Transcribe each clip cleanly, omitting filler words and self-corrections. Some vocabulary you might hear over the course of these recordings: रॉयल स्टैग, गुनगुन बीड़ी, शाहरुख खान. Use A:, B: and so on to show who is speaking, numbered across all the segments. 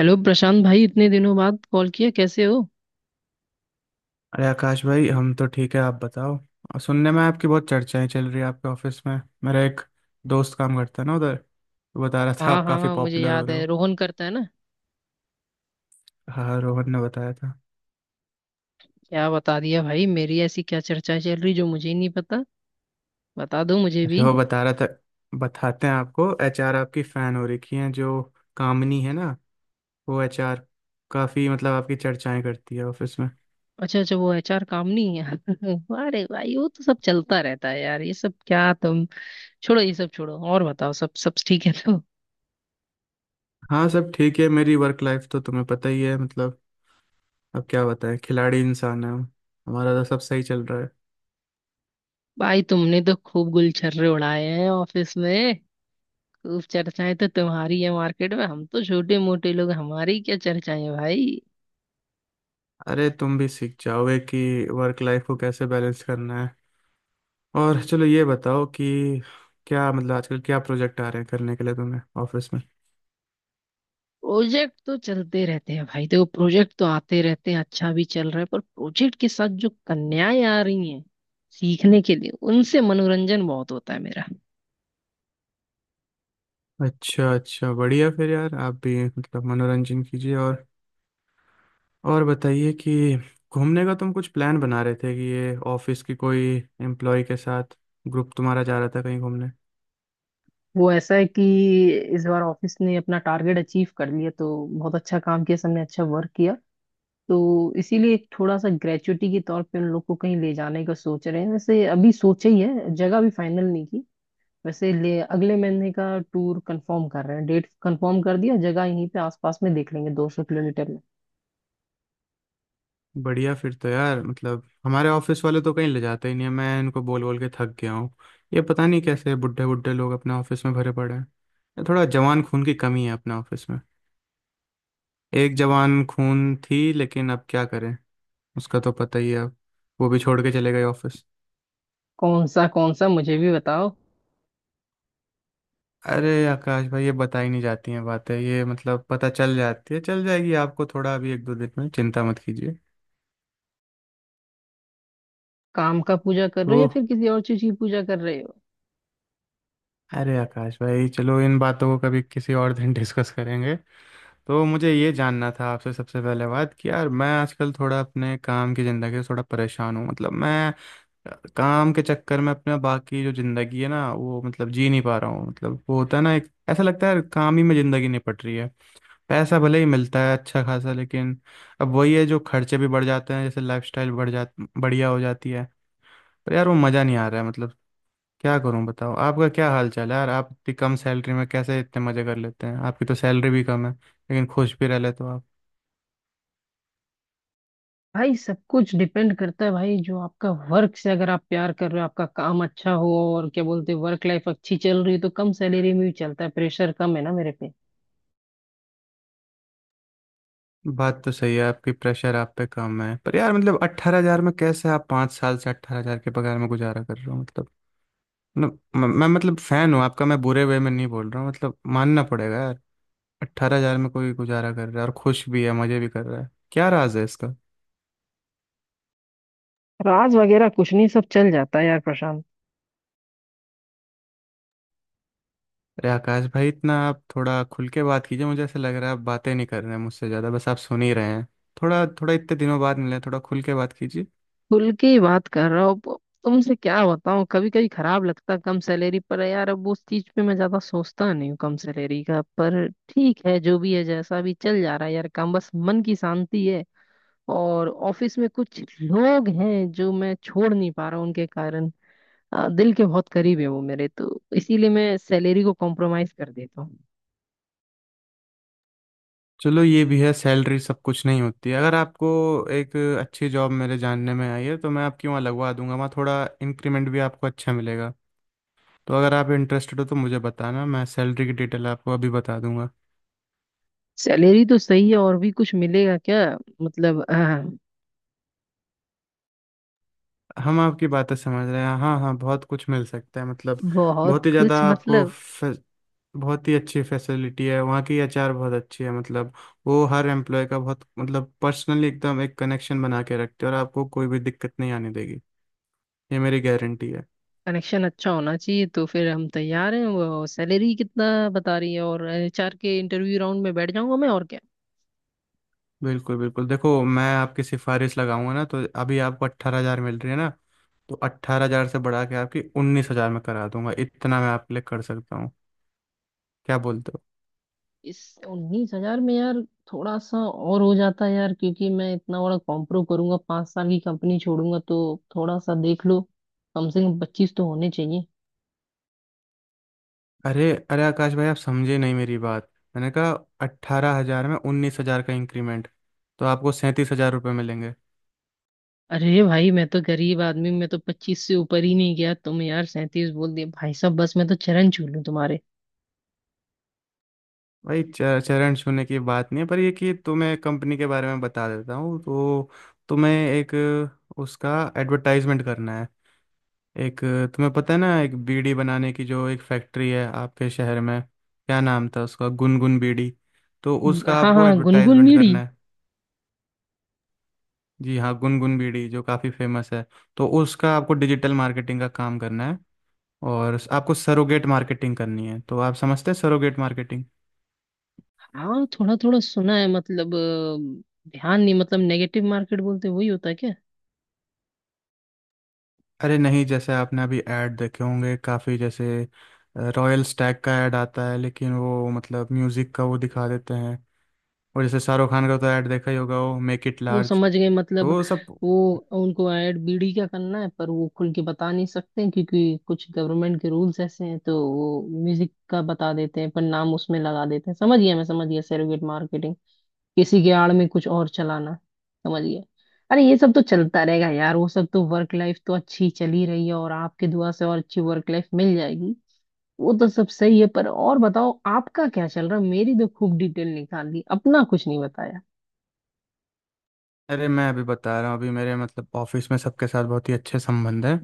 A: Hello Prashant भाई इतने दिनों बाद कॉल किया कैसे हो।
B: अरे आकाश भाई हम तो ठीक है। आप बताओ। और सुनने में आपकी बहुत चर्चाएं चल रही है आपके ऑफिस में। मेरा एक दोस्त काम करता है ना उधर, वो बता रहा था
A: हाँ
B: आप काफ़ी
A: हाँ मुझे
B: पॉपुलर हो
A: याद
B: रहे
A: है
B: हो।
A: रोहन करता है ना।
B: हाँ, रोहन ने बताया था।
A: क्या बता दिया भाई, मेरी ऐसी क्या चर्चा चल रही जो मुझे ही नहीं पता। बता दो मुझे भी।
B: अरे वो बता रहा था, बताते हैं आपको एचआर आपकी फ़ैन हो रखी हैं जो, कामनी है ना वो एचआर, काफ़ी मतलब आपकी चर्चाएं करती है ऑफिस में।
A: अच्छा अच्छा वो एचआर काम नहीं है अरे भाई वो तो सब चलता रहता है यार, ये सब क्या तुम, छोड़ो ये सब छोड़ो और बताओ, सब सब ठीक है तो।
B: हाँ सब ठीक है। मेरी वर्क लाइफ तो तुम्हें पता ही है मतलब। अब क्या बताएं, खिलाड़ी इंसान है हम, हमारा तो सब सही चल रहा है।
A: भाई तुमने तो खूब गुलछर्रे उड़ाए हैं ऑफिस में, खूब चर्चाएं तो तुम्हारी है मार्केट में, हम तो छोटे मोटे लोग, हमारी क्या चर्चाएं भाई।
B: अरे तुम भी सीख जाओगे कि वर्क लाइफ को कैसे बैलेंस करना है। और चलो ये बताओ कि क्या मतलब आजकल क्या प्रोजेक्ट आ रहे हैं करने के लिए तुम्हें ऑफिस में।
A: प्रोजेक्ट तो चलते रहते हैं भाई, देखो प्रोजेक्ट तो आते रहते हैं, अच्छा भी चल रहा है, पर प्रोजेक्ट के साथ जो कन्याएं आ रही हैं सीखने के लिए, उनसे मनोरंजन बहुत होता है मेरा।
B: अच्छा अच्छा बढ़िया। फिर यार आप भी मतलब मनोरंजन कीजिए। और बताइए कि घूमने का तुम कुछ प्लान बना रहे थे कि ये ऑफिस की कोई एम्प्लॉय के साथ ग्रुप तुम्हारा जा रहा था कहीं घूमने।
A: वो ऐसा है कि इस बार ऑफिस ने अपना टारगेट अचीव कर लिया, तो बहुत अच्छा काम किया सबने, अच्छा वर्क किया, तो इसीलिए एक थोड़ा सा ग्रेचुटी के तौर पे उन लोग को कहीं ले जाने का सोच रहे हैं। वैसे अभी सोचा ही है, जगह भी फाइनल नहीं की। वैसे ले अगले महीने का टूर कंफर्म कर रहे हैं, डेट कंफर्म कर दिया, जगह यहीं पे आसपास में देख लेंगे, 200 किलोमीटर।
B: बढ़िया। फिर तो यार मतलब हमारे ऑफिस वाले तो कहीं ले जाते ही नहीं है। मैं इनको बोल बोल के थक गया हूँ। ये पता नहीं कैसे बुढ़े बुढ़े लोग अपने ऑफिस में भरे पड़े हैं। ये थोड़ा जवान खून की कमी है अपने ऑफिस में। एक जवान खून थी लेकिन अब क्या करें, उसका तो पता ही है अब, वो भी छोड़ के चले गए ऑफिस।
A: कौन सा कौन सा, मुझे भी बताओ।
B: अरे आकाश भाई ये बताई नहीं जाती हैं बातें। ये मतलब पता चल जाती है, चल जाएगी आपको थोड़ा अभी 1 2 दिन में। चिंता मत कीजिए।
A: काम का पूजा कर
B: तो
A: रहे हो या फिर किसी और चीज की पूजा कर रहे हो?
B: अरे आकाश भाई चलो इन बातों को कभी किसी और दिन डिस्कस करेंगे। तो मुझे ये जानना था आपसे सबसे पहले बात कि यार मैं आजकल थोड़ा अपने काम की ज़िंदगी से थोड़ा परेशान हूँ। मतलब मैं अ, काम के चक्कर में अपना बाकी जो ज़िंदगी है ना वो मतलब जी नहीं पा रहा हूँ। मतलब वो होता है ना, एक ऐसा लगता है यार काम ही में ज़िंदगी निपट रही है। पैसा भले ही मिलता है अच्छा खासा, लेकिन अब वही है जो खर्चे भी बढ़ जाते हैं। जैसे लाइफस्टाइल बढ़िया हो जाती है। पर यार वो मज़ा नहीं आ रहा है मतलब। क्या करूं बताओ। आपका क्या हाल चाल है यार? आप इतनी कम सैलरी में कैसे इतने मज़े कर लेते हैं? आपकी तो सैलरी भी कम है लेकिन खुश भी रह लेते हो आप।
A: भाई सब कुछ डिपेंड करता है भाई, जो आपका वर्क से, अगर आप प्यार कर रहे हो, आपका काम अच्छा हो और क्या बोलते हैं वर्क लाइफ अच्छी चल रही है, तो कम सैलरी में भी चलता है। प्रेशर कम है ना मेरे पे।
B: बात तो सही है आपकी, प्रेशर आप पे कम है। पर यार मतलब 18,000 में कैसे, आप 5 साल से 18,000 के पगार में गुजारा कर रहे हो मतलब। मतलब मैं मतलब फैन हूँ आपका। मैं बुरे वे में नहीं बोल रहा हूँ मतलब, मानना पड़ेगा यार। अट्ठारह हजार में कोई गुजारा कर रहा है और खुश भी है, मजे भी कर रहा है। क्या राज है इसका?
A: राज वगैरह कुछ नहीं, सब चल जाता है यार प्रशांत।
B: अरे आकाश भाई इतना आप थोड़ा खुल के बात कीजिए। मुझे ऐसा लग रहा है आप बातें नहीं कर रहे हैं मुझसे ज़्यादा, बस आप सुन ही रहे हैं। थोड़ा थोड़ा इतने दिनों बाद मिले हैं, थोड़ा खुल के बात कीजिए।
A: खुल के ही बात कर रहा हूँ, तुमसे क्या बताऊँ, कभी कभी खराब लगता है कम सैलरी पर यार, अब उस चीज पे मैं ज्यादा सोचता नहीं हूँ कम सैलरी का, पर ठीक है, जो भी है जैसा भी चल जा रहा है यार काम, बस मन की शांति है। और ऑफिस में कुछ लोग हैं जो मैं छोड़ नहीं पा रहा हूं, उनके कारण दिल के बहुत करीब है वो मेरे, तो इसीलिए मैं सैलरी को कॉम्प्रोमाइज कर देता हूँ।
B: चलो ये भी है, सैलरी सब कुछ नहीं होती है। अगर आपको एक अच्छी जॉब मेरे जानने में आई है तो मैं आपकी वहाँ लगवा दूंगा। वहाँ थोड़ा इंक्रीमेंट भी आपको अच्छा मिलेगा। तो अगर आप इंटरेस्टेड हो तो मुझे बताना, मैं सैलरी की डिटेल आपको अभी बता दूंगा।
A: सैलरी तो सही है, और भी कुछ मिलेगा क्या? मतलब
B: हम आपकी बातें समझ रहे हैं। हाँ हाँ बहुत कुछ मिल सकता है मतलब।
A: बहुत
B: बहुत ही ज़्यादा
A: कुछ
B: आपको
A: मतलब?
B: बहुत ही अच्छी फैसिलिटी है वहाँ की। एचआर बहुत अच्छी है मतलब, वो हर एम्प्लॉय का बहुत मतलब पर्सनली एकदम एक कनेक्शन बना के रखते हैं और आपको कोई भी दिक्कत नहीं आने देगी। ये मेरी गारंटी है।
A: कनेक्शन अच्छा होना चाहिए, तो फिर हम तैयार हैं। वो सैलरी कितना बता रही है, और एचआर के इंटरव्यू राउंड में बैठ जाऊंगा मैं, और क्या।
B: बिल्कुल बिल्कुल, देखो मैं आपकी सिफारिश लगाऊंगा ना, तो अभी आपको 18,000 मिल रही है ना, तो 18,000 से बढ़ा के आपकी 19,000 में करा दूंगा। इतना मैं आपके लिए कर सकता हूँ। क्या बोलते हो?
A: इस 19,000 में यार थोड़ा सा और हो जाता है यार, क्योंकि मैं इतना बड़ा कॉम्प्रो करूंगा, 5 साल की कंपनी छोड़ूंगा, तो थोड़ा सा देख लो, कम से कम 25 तो होने चाहिए।
B: अरे अरे आकाश भाई आप समझे नहीं मेरी बात। मैंने कहा 18,000 में 19,000 का इंक्रीमेंट, तो आपको 37,000 रुपये मिलेंगे।
A: अरे भाई मैं तो गरीब आदमी, मैं तो 25 से ऊपर ही नहीं गया, तुम यार 37 बोल दिए भाई साहब, बस मैं तो चरण छू लूं तुम्हारे।
B: भाई चरण छूने की बात नहीं है। पर ये कि तुम्हें कंपनी के बारे में बता देता हूँ तो तुम्हें एक उसका एडवर्टाइजमेंट करना है। एक, तुम्हें पता है ना एक बीड़ी बनाने की जो एक फैक्ट्री है आपके शहर में, क्या नाम था उसका, गुनगुन बीड़ी। तो उसका
A: हाँ
B: आपको
A: हाँ गुनगुन
B: एडवर्टाइजमेंट
A: बीड़ी।
B: करना है। जी हाँ, गुनगुन बीड़ी जो काफ़ी फेमस है, तो उसका आपको डिजिटल मार्केटिंग का काम करना है और आपको सरोगेट मार्केटिंग करनी है। तो आप समझते हैं सरोगेट मार्केटिंग?
A: हाँ थोड़ा थोड़ा सुना है, मतलब ध्यान नहीं, मतलब नेगेटिव मार्केट बोलते वही होता है।
B: अरे नहीं, जैसे आपने अभी ऐड देखे होंगे काफ़ी, जैसे रॉयल स्टैग का ऐड आता है लेकिन वो मतलब म्यूज़िक का वो दिखा देते हैं। और जैसे शाहरुख खान का तो ऐड देखा ही होगा, वो मेक इट
A: वो
B: लार्ज।
A: समझ गए
B: तो
A: मतलब।
B: वो सब।
A: वो उनको ऐड बीडी का करना है, पर वो खुल के बता नहीं सकते हैं, क्योंकि कुछ गवर्नमेंट के रूल्स ऐसे हैं, तो वो म्यूजिक का बता देते हैं पर नाम उसमें लगा देते हैं। समझ गया, मैं समझ गया, सेरोगेट मार्केटिंग, किसी के आड़ में कुछ और चलाना, समझ गया। अरे ये सब तो चलता रहेगा यार, वो सब तो, वर्क लाइफ तो अच्छी चली रही है, और आपके दुआ से और अच्छी वर्क लाइफ मिल जाएगी। वो तो सब सही है, पर और बताओ आपका क्या चल रहा है, मेरी तो खूब डिटेल निकाल दी, अपना कुछ नहीं बताया।
B: अरे मैं अभी बता रहा हूँ। अभी मेरे मतलब ऑफिस में सबके साथ बहुत ही अच्छे संबंध हैं।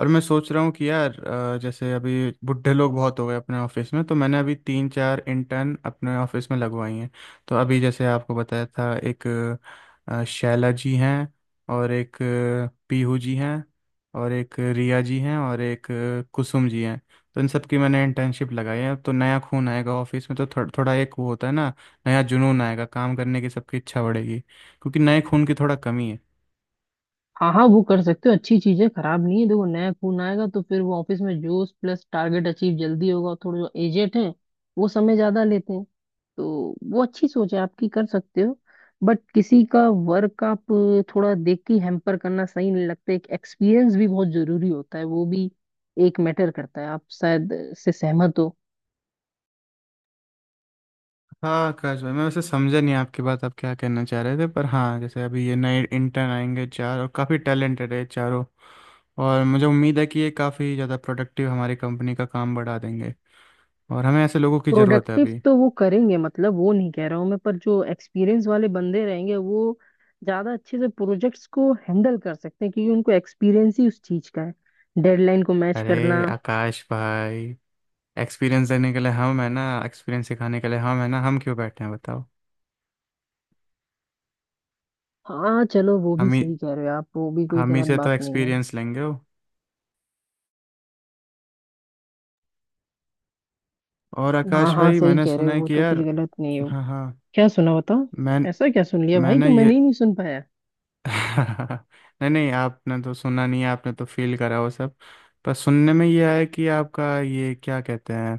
B: और मैं सोच रहा हूँ कि यार जैसे अभी बुढ़े लोग बहुत हो गए अपने ऑफिस में, तो मैंने अभी 3 4 इंटर्न अपने ऑफिस में लगवाई हैं। तो अभी जैसे आपको बताया था, एक शैला जी हैं, और एक पीहू जी हैं, और एक रिया जी हैं, और एक कुसुम जी हैं। तो इन सब की मैंने इंटर्नशिप लगाई है। तो नया खून आएगा ऑफिस में, तो थोड़ा थोड़ा एक वो होता है ना, नया जुनून आएगा, काम करने की सबकी इच्छा बढ़ेगी, क्योंकि नए खून की थोड़ा कमी है।
A: हाँ हाँ वो कर सकते हो, अच्छी चीज है, खराब नहीं है, देखो नया खून आएगा तो फिर वो ऑफिस में जोश प्लस टारगेट अचीव जल्दी होगा, और थोड़े जो एजेट हैं वो समय ज्यादा लेते हैं, तो वो अच्छी सोच है आपकी, कर सकते हो। बट किसी का वर्क आप थोड़ा देख के हैम्पर करना सही नहीं लगता, एक एक्सपीरियंस भी बहुत जरूरी होता है, वो भी एक मैटर करता है। आप शायद से सहमत हो।
B: हाँ आकाश भाई मैं वैसे समझा नहीं आपकी बात, आप क्या कहना चाह रहे थे। पर हाँ जैसे अभी ये नए इंटर्न आएंगे चार, और काफ़ी टैलेंटेड है चारों। और मुझे उम्मीद है कि ये काफ़ी ज़्यादा प्रोडक्टिव हमारी कंपनी का काम बढ़ा देंगे। और हमें ऐसे लोगों की ज़रूरत है
A: प्रोडक्टिव
B: अभी।
A: तो वो करेंगे, मतलब वो नहीं कह रहा हूँ मैं, पर जो एक्सपीरियंस वाले बंदे रहेंगे वो ज्यादा अच्छे से प्रोजेक्ट्स को हैंडल कर सकते हैं, क्योंकि उनको एक्सपीरियंस ही उस चीज का है, डेडलाइन को मैच
B: अरे
A: करना।
B: आकाश भाई, एक्सपीरियंस देने के लिए हम है ना, एक्सपीरियंस सिखाने के लिए हम है ना, हम क्यों बैठे हैं बताओ।
A: हाँ चलो, वो भी
B: हम ही
A: सही कह रहे हो आप, वो भी कोई
B: हम ही
A: गलत
B: से तो
A: बात नहीं है।
B: एक्सपीरियंस लेंगे वो। और
A: हाँ
B: आकाश
A: हाँ
B: भाई
A: सही
B: मैंने
A: कह रहे
B: सुना
A: हो,
B: है
A: वो
B: कि
A: तो कुछ
B: यार,
A: गलत नहीं हो।
B: हाँ हाँ,
A: क्या सुना बताओ?
B: मैं
A: ऐसा क्या सुन लिया भाई
B: मैंने
A: जो
B: ये
A: मैंने ही नहीं सुन पाया?
B: नहीं नहीं आपने तो सुना नहीं है, आपने तो फील करा वो सब। पर सुनने में ये आया कि आपका ये क्या कहते हैं,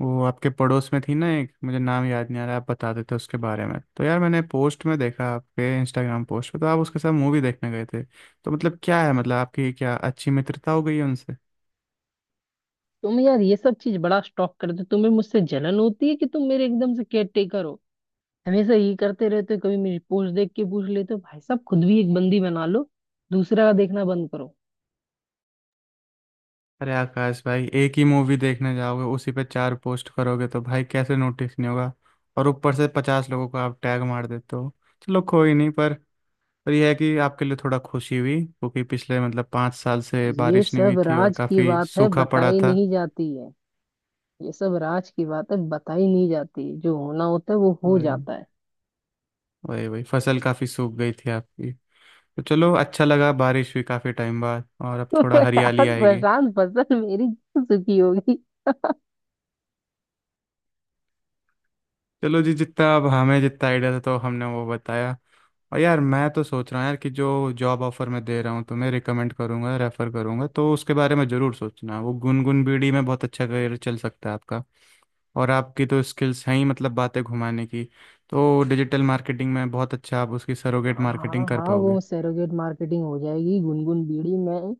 B: वो आपके पड़ोस में थी ना एक, मुझे नाम याद नहीं आ रहा, आप बता देते उसके बारे में। तो यार मैंने पोस्ट में देखा, आपके इंस्टाग्राम पोस्ट पे, तो आप उसके साथ मूवी देखने गए थे। तो मतलब क्या है मतलब आपकी क्या अच्छी मित्रता हो गई है उनसे?
A: तुम यार ये सब चीज बड़ा स्टॉक करते हो। तुम्हें मुझसे जलन होती है कि तुम मेरे एकदम से केयर टेकर हो, हमेशा ये करते रहते हो, कभी मेरी पोस्ट देख के पूछ लेते हो। भाई साहब खुद भी एक बंदी बना लो, दूसरा का देखना बंद करो।
B: अरे आकाश भाई, एक ही मूवी देखने जाओगे उसी पे 4 पोस्ट करोगे तो भाई कैसे नोटिस नहीं होगा। और ऊपर से 50 लोगों को आप टैग मार देते हो। चलो कोई नहीं, पर पर यह है कि आपके लिए थोड़ा खुशी हुई, क्योंकि पिछले मतलब 5 साल से
A: ये
B: बारिश नहीं हुई
A: सब
B: थी और
A: राज की
B: काफ़ी
A: बात है,
B: सूखा पड़ा
A: बताई
B: था।
A: नहीं जाती है। ये सब राज की बात है, बताई नहीं जाती, जो होना होता है वो हो
B: वही
A: जाता है।
B: वही वही फसल काफ़ी सूख गई थी आपकी। तो चलो अच्छा लगा, बारिश हुई काफ़ी टाइम बाद, और अब थोड़ा हरियाली
A: यार
B: आएगी।
A: प्रशांत, फसल मेरी क्यों सुखी होगी।
B: चलो जी, जितना अब हमें जितना आइडिया था तो हमने वो बताया। और यार मैं तो सोच रहा हूँ यार कि जो जॉब ऑफर मैं दे रहा हूँ तुम्हें, रिकमेंड करूँगा रेफ़र करूँगा, तो उसके बारे में ज़रूर सोचना। वो गुनगुन बीड़ी में बहुत अच्छा करियर चल सकता है आपका। और आपकी तो स्किल्स हैं ही मतलब बातें घुमाने की, तो डिजिटल मार्केटिंग में बहुत अच्छा आप उसकी सरोगेट मार्केटिंग
A: हाँ
B: कर
A: हाँ
B: पाओगे।
A: वो सेरोगेट मार्केटिंग हो जाएगी गुनगुन बीड़ी में,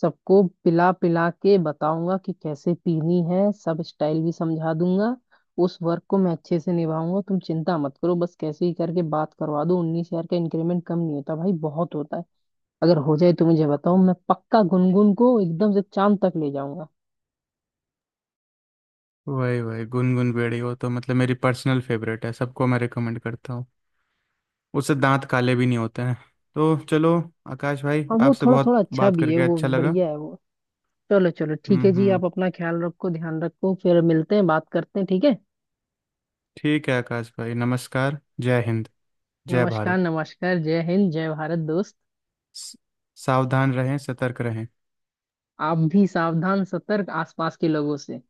A: सबको पिला पिला के बताऊंगा कि कैसे पीनी है, सब स्टाइल भी समझा दूंगा, उस वर्क को मैं अच्छे से निभाऊंगा। तुम चिंता मत करो, बस कैसे ही करके बात करवा दो, 19,000 का इंक्रीमेंट कम नहीं होता भाई, बहुत होता है। अगर हो जाए तो मुझे बताओ, मैं पक्का गुनगुन को एकदम से चांद तक ले जाऊंगा।
B: वही वही गुनगुन बेड़ी, वो तो मतलब मेरी पर्सनल फेवरेट है, सबको मैं रिकमेंड करता हूँ। उससे दांत काले भी नहीं होते हैं। तो चलो आकाश भाई,
A: और वो
B: आपसे
A: थोड़ा
B: बहुत
A: थोड़ा अच्छा
B: बात
A: भी है,
B: करके
A: वो
B: अच्छा लगा।
A: बढ़िया है वो। चलो चलो ठीक है जी,
B: हम्म।
A: आप अपना ख्याल रखो, ध्यान रखो, फिर मिलते हैं, बात करते हैं, ठीक है।
B: ठीक है आकाश भाई, नमस्कार जय हिंद जय
A: नमस्कार
B: भारत।
A: नमस्कार, जय हिंद जय भारत दोस्त।
B: स- सावधान रहें, सतर्क रहें।
A: आप भी सावधान सतर्क, आसपास के लोगों से।